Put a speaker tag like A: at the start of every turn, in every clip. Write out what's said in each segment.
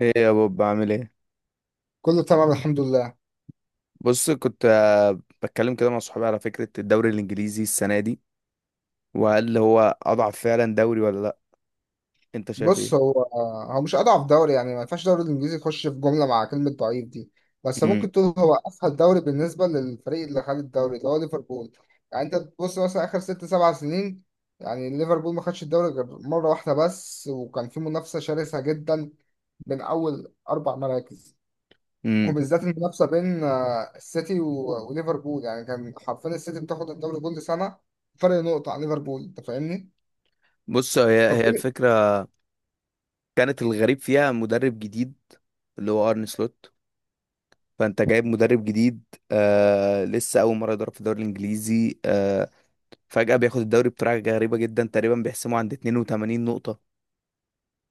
A: ايه يا بوب، بعمل ايه؟
B: كله تمام، الحمد لله.
A: بص، كنت بتكلم كده مع صحابي على فكرة الدوري الانجليزي السنة دي، وهل هو اضعف فعلا دوري ولا لا؟ انت شايف
B: بص،
A: ايه؟
B: هو مش اضعف دوري، يعني ما ينفعش الدوري الانجليزي يخش في جمله مع كلمه ضعيف دي. بس
A: امم
B: ممكن تقول هو اسهل دوري بالنسبه للفريق اللي خد الدوري اللي هو ليفربول. يعني انت تبص مثلا اخر 6 7 سنين، يعني ليفربول ما خدش الدوري غير مره واحده بس، وكان في منافسه شرسه جدا بين اول 4 مراكز.
A: امم
B: وبالذات المنافسه بين السيتي و- وليفربول، يعني كان حرفيا السيتي بتاخد الدوري كل سنه فرق نقطه عن ليفربول. انت فاهمني؟
A: بص، هي
B: فكل.
A: الفكرة، كانت الغريب فيها مدرب جديد، اللي هو ارن سلوت. فانت جايب مدرب جديد، لسه اول مرة يدرب في الدوري الانجليزي، فجأة بياخد الدوري بطريقة غريبة جدا، تقريبا بيحسمه عند 82 نقطة.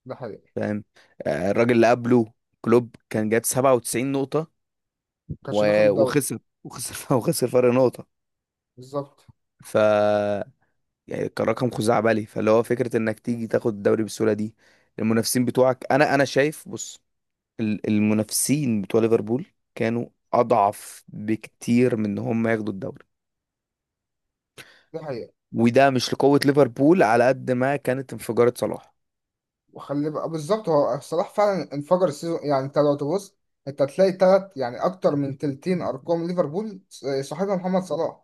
B: ده حقيقي.
A: فاهم؟ الراجل اللي قبله كلوب، كان جايب 97 نقطة
B: كانش بياخد
A: و-
B: الدوري.
A: وخسر وخسر وخسر فرق نقطة.
B: بالظبط.
A: ف يعني كان رقم خزعبلي، فاللي هو فكرة انك تيجي تاخد الدوري بالسهولة دي، المنافسين بتوعك، انا شايف، بص، المنافسين بتوع ليفربول كانوا اضعف بكتير من ان هم ياخدوا الدوري،
B: دي حقيقة.
A: وده مش لقوة ليفربول على قد ما كانت انفجارة صلاح.
B: وخلي بقى بالظبط، هو صلاح فعلا انفجر السيزون، يعني انت لو تبص، انت هتلاقي تلات يعني اكتر من تلتين ارقام ليفربول صاحبها محمد صلاح.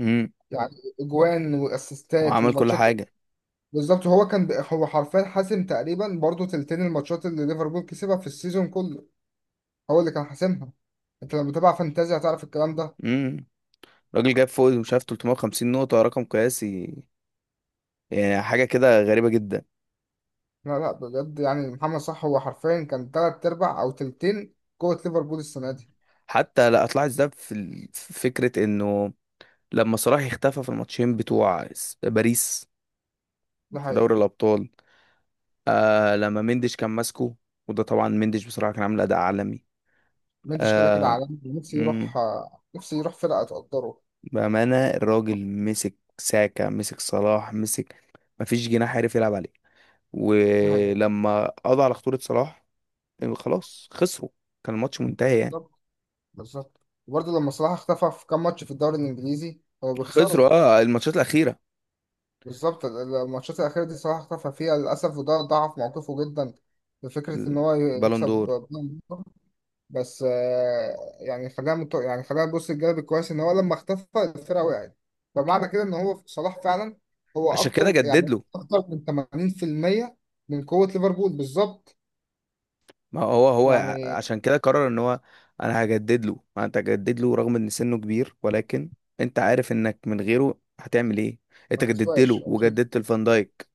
A: امم
B: يعني اجوان واسيستات
A: وعمل كل
B: وماتشات.
A: حاجة.
B: بالظبط، هو كان هو حرفيا حاسم تقريبا برضو تلتين الماتشات اللي ليفربول كسبها في السيزون كله. هو اللي كان حاسمها. انت لما بتابع فانتازيا هتعرف الكلام ده.
A: امم راجل جاب فوق، مش عارف، 350 نقطة، رقم قياسي، يعني حاجة كده غريبة جدا.
B: لا، لا، بجد، يعني محمد صلاح هو حرفيا كان تلات ارباع او تلتين قوة ليفربول السنة دي.
A: حتى لا، اطلعت ده في في فكرة انه لما صلاح اختفى في الماتشين بتوع باريس
B: ده
A: في دوري
B: حقيقة.
A: الأبطال، لما مندش كان ماسكه، وده طبعا مندش بصراحة كان عامل أداء عالمي.
B: مندش كده كده
A: آه
B: عالمي، نفسي يروح.
A: مم،
B: نفسي يروح فرقة تقدره.
A: بأمانة، الراجل مسك ساكا، مسك صلاح، مسك. مفيش جناح عرف يلعب عليه،
B: ده حقيقة.
A: ولما قضى على خطورة صلاح، خلاص خسروا، كان الماتش منتهي يعني.
B: بالظبط. بالظبط. وبرضه لما صلاح اختفى في كام ماتش في الدوري الإنجليزي هو بيخسروا.
A: خسروا اه الماتشات الأخيرة.
B: بالظبط، الماتشات الأخيرة دي صلاح اختفى فيها للأسف، وده ضعف موقفه جدا بفكرة إن هو
A: البالون
B: يكسب
A: دور.
B: بطولة. بس يعني خلينا نبص الجانب الكويس إن هو لما اختفى الفرقة وقعت. فمعنى كده إن هو صلاح فعلا، هو
A: عشان كده
B: أكتر يعني
A: جدد له.
B: أكتر من 80% من قوة ليفربول بالظبط.
A: ما هو هو
B: يعني
A: عشان كده قرر ان هو، انا هجدد له، ما انت هجدد له رغم ان سنه كبير، ولكن انت عارف انك من غيره هتعمل ايه؟
B: ما
A: انت جددت
B: بتسواش،
A: له وجددت الفان دايك.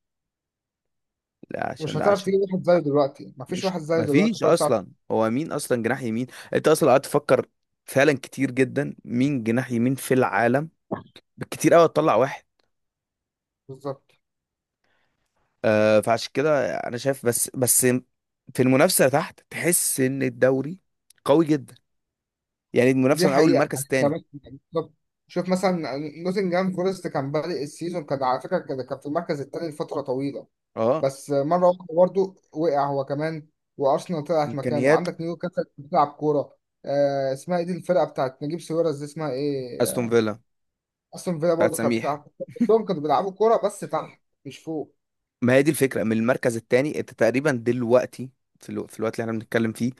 A: لا عشان،
B: مش
A: لا
B: هتعرف
A: عشان،
B: تجيب واحد زيه دلوقتي، ما فيش
A: مش
B: واحد زيه
A: ما
B: دلوقتي
A: فيش
B: خالص، تعرف.
A: اصلا، هو مين اصلا جناح يمين؟ انت اصلا قعدت تفكر فعلا كتير جدا مين جناح يمين في العالم؟ بالكتير قوي تطلع واحد.
B: بالظبط.
A: فعشان كده انا شايف، بس في المنافسه تحت، تحس ان الدوري قوي جدا، يعني
B: دي
A: المنافسه من اول
B: حقيقة،
A: المركز
B: يعني
A: الثاني.
B: كمان. بالظبط. شوف مثلا نوتنجهام فورست، كان بادئ السيزون، كان على فكرة كان في المركز التاني لفترة طويلة.
A: اه
B: بس مرة واحدة برضه وقع هو كمان، وأرسنال طلعت مكانه،
A: امكانيات.
B: وعندك نيوكاسل بتلعب كورة. اسمها ايه دي، الفرقة بتاعت نجيب ساويرس دي اسمها ايه
A: استون فيلا
B: أستون فيلا
A: بتاعت
B: برضه كانت بتلعب
A: سميح.
B: كورة، كلهم كانوا بيلعبوا كورة بس تحت مش فوق.
A: ما هي دي الفكره من المركز الثاني. انت تقريبا دلوقتي، في الوقت اللي احنا بنتكلم فيه،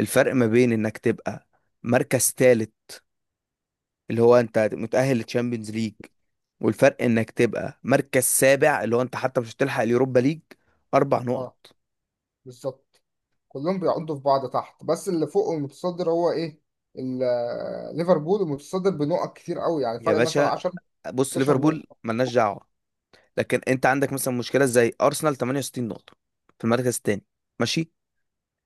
A: الفرق ما بين انك تبقى مركز ثالث، اللي هو انت متاهل للتشامبيونز ليج، والفرق انك تبقى مركز سابع، اللي هو انت حتى مش هتلحق اليوروبا ليج، اربع نقط.
B: اه، بالظبط. كلهم بيعضوا في بعض تحت، بس اللي فوق المتصدر هو ايه، ليفربول المتصدر بنقط كتير قوي، يعني
A: يا
B: فرق مثلا
A: باشا،
B: 10
A: بص،
B: 12
A: ليفربول
B: نقطة.
A: ملناش دعوه، لكن انت عندك مثلا مشكله زي ارسنال 68 نقطه في المركز الثاني، ماشي،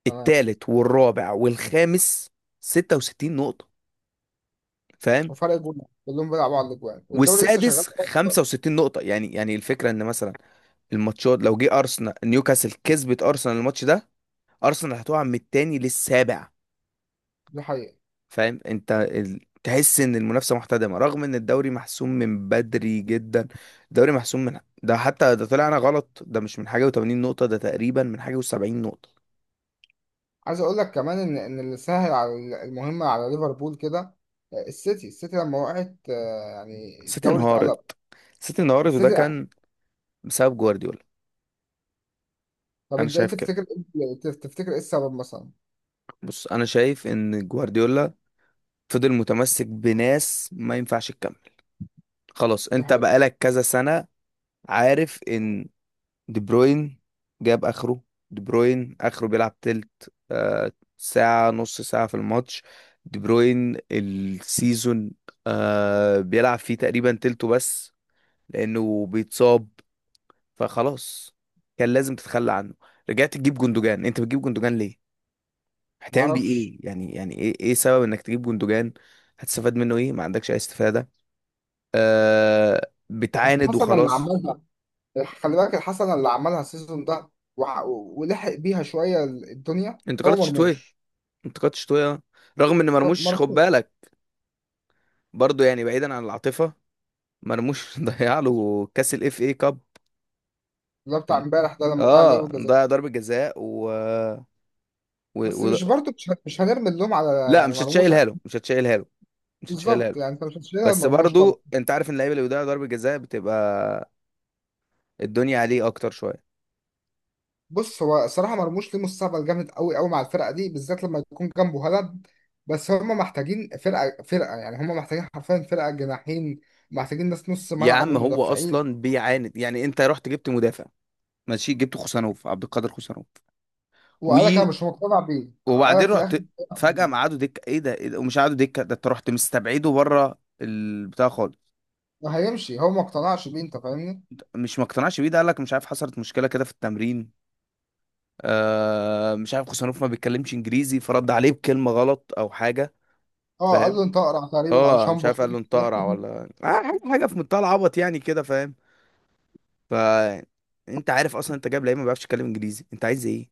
B: تمام،
A: الثالث والرابع والخامس 66 نقطه، فاهم،
B: وفرق جول، كلهم بيلعبوا على الاجوان، والدوري لسه شغال.
A: والسادس 65 نقطة. يعني يعني الفكرة ان مثلا الماتشات، لو جه ارسنال نيوكاسل كسبت ارسنال الماتش ده، ارسنال هتقع من التاني للسابع.
B: دي حقيقة.
A: فاهم انت؟ تحس ان المنافسة محتدمة رغم ان الدوري محسوم من بدري جدا. الدوري محسوم من، ده حتى ده طلعنا غلط، ده مش من حاجة و80 نقطة، ده تقريبا من حاجة و70 نقطة.
B: عايز اقول لك كمان ان اللي سهل على المهمة على ليفربول كده، السيتي لما وقعت، يعني
A: سيتي
B: الدوري
A: انهارت.
B: اتقلب،
A: سيتي انهارت، وده
B: السيتي يعني.
A: كان بسبب جوارديولا.
B: طب
A: انا
B: انت ايه
A: شايف كده.
B: تفتكر؟ إيه؟ تفتكر ايه السبب مثلا؟
A: بص، انا شايف ان جوارديولا فضل متمسك بناس ما ينفعش تكمل. خلاص
B: دي
A: انت
B: حقيقة.
A: بقالك كذا سنة، عارف ان دي بروين جاب اخره. دي بروين اخره بيلعب تلت، ساعة، نص ساعة في الماتش. دي بروين السيزون بيلعب فيه تقريبا تلته بس لانه بيتصاب. فخلاص كان لازم تتخلى عنه. رجعت تجيب جندوجان. انت بتجيب جندوجان ليه؟ هتعمل بيه
B: معرفش.
A: ايه؟ يعني يعني ايه، ايه سبب انك تجيب جندوجان؟ هتستفاد منه ايه؟ ما عندكش اي استفادة. آه بتعاند
B: حسب اللي
A: وخلاص.
B: عملها. خلي بالك الحسنة اللي عملها السيزون ده، ولحق بيها شوية الدنيا هو
A: انتقادات شتويه،
B: مرموش.
A: انتقادات شتويه رغم ان
B: طب
A: مرموش، خد
B: مرموش.
A: بالك، برضو يعني، بعيدا عن العاطفه، مرموش ضيع له كاس الاف اي كاب.
B: ده بتاع
A: ال-
B: امبارح ده لما ضيع ضربة
A: اه
B: جزاء.
A: ضيع ضربه جزاء و...
B: بس
A: و...
B: مش برضه مش هنرمي اللوم على،
A: لا،
B: يعني مرموش.
A: مش هتشيلها
B: بالظبط،
A: له.
B: يعني انت مش هتشيلها
A: بس
B: مرموش طبعا.
A: برضو انت عارف ان اللعيبه اللي بيضيعوا ضربه جزاء بتبقى الدنيا عليه اكتر شويه.
B: بص، هو الصراحة مرموش ليه مستقبل جامد قوي قوي مع الفرقة دي بالذات لما يكون جنبه هالاند. بس هم محتاجين فرقة يعني هم محتاجين حرفيا فرقة جناحين، محتاجين ناس نص
A: يا
B: ملعب
A: عم، هو
B: ومدافعين.
A: اصلا بيعاند، يعني انت رحت جبت مدافع، ماشي، جبت خوسانوف، عبد القادر خوسانوف،
B: وقالك انا مش مقتنع بيه، قالك
A: وبعدين
B: في الاخر
A: رحت فجأة مقعدوا دكة، ايه ده، ايه ده؟ ومش قعدوا دكة ده، انت رحت مستبعده بره البتاع خالص.
B: ما هيمشي، هو ما اقتنعش بيه، انت فاهمني.
A: مش ما اقتنعش بيه، ده قال لك مش عارف حصلت مشكلة كده في التمرين، مش عارف، خوسانوف ما بيتكلمش انجليزي، فرد عليه بكلمة غلط او حاجة.
B: اه قال
A: فاهم؟
B: له انت اقرع تقريبا او
A: اه، مش
B: شامبو
A: عارف، قال له انت
B: حاجة.
A: اقرع ولا حاجة، حاجة في منتهى العبط يعني كده، فاهم. ف انت عارف اصلا انت جايب لعيب ما بيعرفش يتكلم انجليزي، انت عايز ايه؟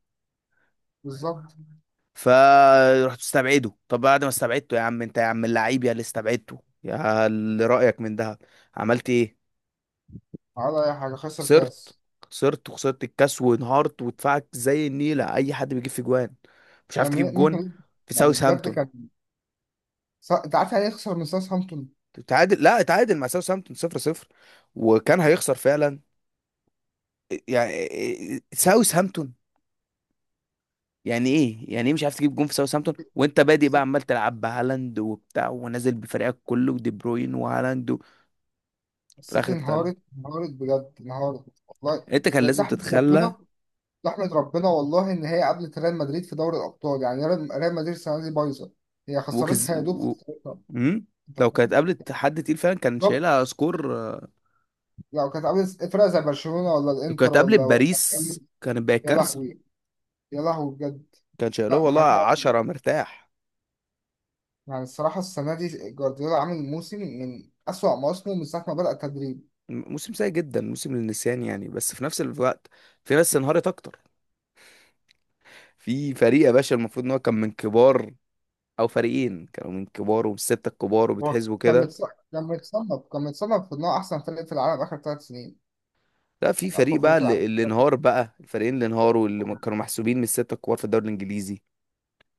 B: بالظبط.
A: فرحت استبعده. طب بعد ما استبعدته، يا عم انت، يا عم اللعيب، يا اللي استبعدته، يا اللي رأيك من ده، عملت ايه؟
B: على اي حاجه خسر
A: خسرت.
B: كاس.
A: خسرت وخسرت الكاس، وانهارت، ودفعك زي النيلة. اي حد بيجيب في جوان. مش عارف
B: كان
A: تجيب
B: يعني
A: جون
B: ممكن،
A: في
B: يعني بجد
A: ساوثهامبتون.
B: كان، انت عارف يعني ايه يخسر من ساوثهامبتون.
A: تعادل، لا اتعادل مع ساوثهامبتون صفر صفر، وكان هيخسر فعلا يعني. ساوثهامبتون! يعني ايه، يعني ايه مش عارف تجيب جون في ساوثهامبتون، وانت بادئ بقى
B: الس-
A: عمال تلعب بهالاند وبتاع ونازل بفريقك كله ودي بروين وهالاند في
B: السيتي
A: الاخر تتعادل.
B: انهارت بجد انهارت والله.
A: انت كان
B: ده
A: لازم
B: تحمد
A: تتخلى.
B: ربنا تحمد ربنا والله، ان هي قابلت ريال مدريد في دوري الابطال، يعني ريال مدريد السنه دي بايظه. هي
A: وكز
B: خسرتها يا دوب
A: و...
B: خسرتها.
A: مم؟
B: انت
A: لو كانت
B: فاهم.
A: قابلت حد تقيل فعلا كان
B: بالظبط.
A: شايلها سكور
B: لو كانت قابلت فرقه زي برشلونه ولا
A: لو
B: الانتر
A: كانت قابلت
B: ولا ولا.
A: باريس كانت بقت
B: يا
A: كارثه.
B: لهوي، يا لهوي بجد.
A: كان شايلها
B: لا ما
A: والله
B: حاجة.
A: عشرة مرتاح.
B: يعني الصراحة السنة دي جوارديولا عامل موسم من أسوأ مواسمه من ساعة ما بدأ التدريب.
A: موسم سيء جدا، موسم للنسيان يعني، بس في نفس الوقت في ناس انهارت اكتر. في فريق يا باشا المفروض ان هو كان من كبار، او فريقين كانوا من كبار ومن الستة الكبار
B: هو
A: وبيتحسبوا
B: كان
A: كده.
B: متصنف كان متصنف كان متصنف في إن هو أحسن فريق في العالم آخر 3 سنين،
A: لا في
B: يعني أقوى
A: فريق
B: فريق
A: بقى،
B: في العالم.
A: اللي انهار بقى، الفريقين اللي انهاروا، اللي كانوا محسوبين من الستة الكبار في الدوري الانجليزي،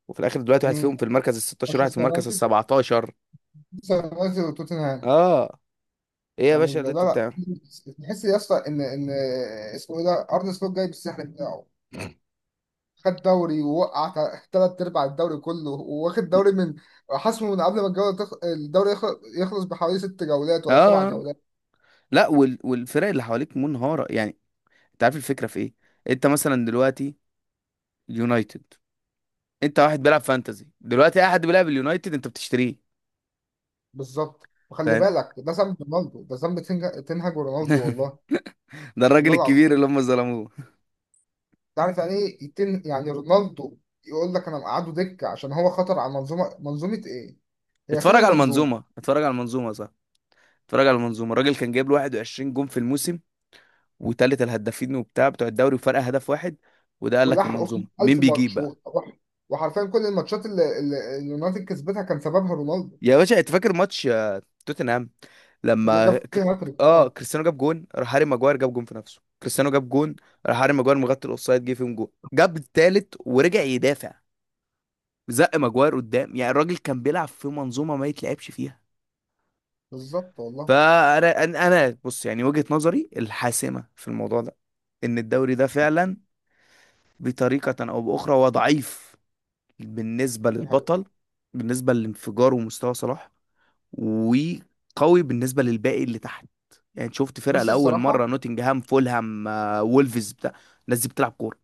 A: وفي الاخر دلوقتي واحد
B: مين؟
A: فيهم في المركز ال 16، واحد في
B: مانشستر
A: المركز ال
B: يونايتد
A: 17.
B: مانشستر يونايتد وتوتنهام.
A: اه، ايه يا
B: يعني
A: باشا اللي
B: ده
A: انتوا
B: لا.
A: بتعمله؟
B: لا، تحس يا اسطى إن اسمه إيه ده، أرن سلوت جاي بالسحر بتاعه. خد دوري ووقع، ثلاث أرباع الدوري كله، وواخد دوري من، حسمه من قبل ما الجولة الدوري يخلص بحوالي 6 جولات ولا سبع
A: اه،
B: جولات
A: لا وال... والفرق اللي حواليك منهارة يعني. انت عارف الفكرة في ايه؟ انت مثلا دلوقتي، يونايتد، انت واحد بيلعب فانتزي دلوقتي، اي حد بيلعب اليونايتد انت بتشتريه.
B: بالظبط، وخلي
A: فاهم؟
B: بالك ده ذنب رونالدو، ده ذنب تنهج رونالدو والله،
A: ده الراجل
B: والله
A: الكبير
B: العظيم.
A: اللي هم ظلموه.
B: تعرف يعني ايه يعني رونالدو، يقول لك انا مقعده دكه عشان هو خطر على منظومه، منظومه ايه، هي فين
A: اتفرج على
B: المنظومه.
A: المنظومة، اتفرج على المنظومة، صح، اتفرج على المنظومة. الراجل كان جايب له 21 جون في الموسم، وتالت الهدافين وبتاع بتوع الدوري، وفرق هدف واحد. وده قال لك
B: ولحقوا في
A: المنظومة. مين
B: 1000
A: بيجيب
B: ماتش
A: بقى؟
B: وحرفيا كل الماتشات اللي اليونايتد كسبتها كان سببها رونالدو،
A: يا باشا انت فاكر ماتش توتنهام
B: اللي
A: لما
B: جاب فيها هاتريك.
A: اه،
B: اه،
A: كريستيانو جاب جون، راح هاري ماجواير جاب جون في نفسه، كريستيانو جاب جون، راح هاري ماجواير مغطي الاوفسايد جه فيهم جون، جاب التالت ورجع يدافع زق ماجواير قدام. يعني الراجل كان بيلعب في منظومه ما يتلعبش فيها.
B: بالظبط والله.
A: فانا، بص، يعني وجهه نظري الحاسمه في الموضوع ده، ان الدوري ده فعلا بطريقه او باخرى هو ضعيف، بالنسبه
B: دي حقيقة.
A: للبطل، بالنسبه لانفجاره ومستوى صلاح، وقوي بالنسبه للباقي اللي تحت. يعني شفت فرقه
B: بص
A: لاول مره،
B: الصراحه
A: نوتنجهام، فولهام، وولفز، بتاع، الناس دي بتلعب كوره.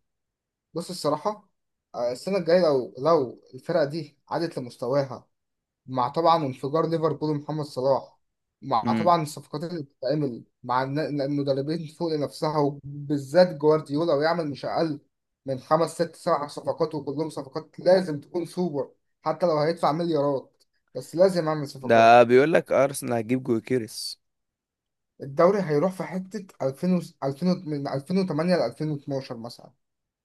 B: بص الصراحه السنه الجايه، لو الفرقه دي عادت لمستواها، مع طبعا انفجار ليفربول ومحمد صلاح، مع
A: امم
B: طبعا الصفقات اللي بتتعمل مع المدربين فوق لنفسها، وبالذات جوارديولا، ويعمل مش أقل من 5 6 7 صفقات، وكلهم صفقات لازم تكون سوبر، حتى لو هيدفع مليارات، بس لازم أعمل صفقات.
A: ده بيقول لك ارسنال هتجيب جوكيريس.
B: الدوري هيروح في حتة 2000 2000 من 2008 ل 2012 مثلا.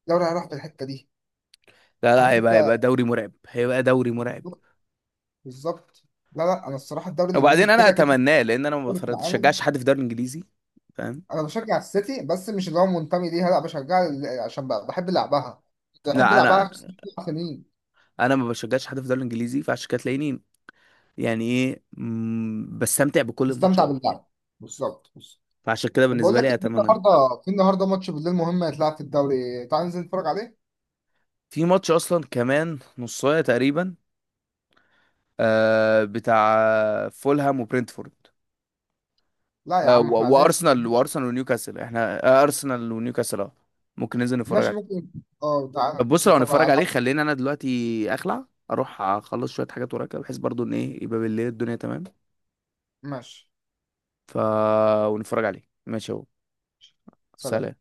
B: الدوري هيروح في الحتة دي.
A: لا لا،
B: عارف
A: هيبقى
B: أنت.
A: هيبقى دوري مرعب، هيبقى دوري مرعب.
B: بالظبط. لا، لا، أنا الصراحة الدوري الإنجليزي
A: وبعدين انا
B: كده كده
A: اتمناه، لان انا ما
B: في العالم.
A: بشجعش حد في الدوري الانجليزي. فاهم؟
B: انا بشجع السيتي بس مش اللي هو منتمي ليها، لا بشجع عشان بحب لعبها، كنت بحب
A: لا
B: لعبها
A: انا،
B: 5 سنين.
A: انا ما بشجعش حد في الدوري الانجليزي، فعشان كده تلاقيني، يعني ايه، بستمتع بكل
B: نستمتع
A: الماتشات.
B: باللعب. بالظبط، بص.
A: فعشان كده
B: طب بقول
A: بالنسبه
B: لك
A: لي
B: إيه، في
A: اتمنى.
B: النهارده في النهارده ماتش بالليل مهم هيتلعب في الدوري، تعال ننزل نتفرج عليه.
A: في ماتش اصلا كمان نص ساعه تقريبا، بتاع فولهام وبرنتفورد،
B: لا يا
A: آه
B: عم احنا
A: و-
B: عايزين.
A: وارسنال، وارسنال ونيوكاسل، احنا آه، ارسنال ونيوكاسل، اه، ممكن ننزل نتفرج
B: ماشي
A: عليه.
B: ممكن. اه تعال
A: طب بص،
B: ننزل
A: لو
B: نتفرج
A: هنتفرج عليه،
B: عليه.
A: خلينا انا دلوقتي اخلع، اروح اخلص شويه حاجات ورايا كده، بحيث برضو ان ايه يبقى بالليل الدنيا تمام.
B: ماشي.
A: ف ونتفرج عليه، ماشي اهو. سلام.
B: سلام.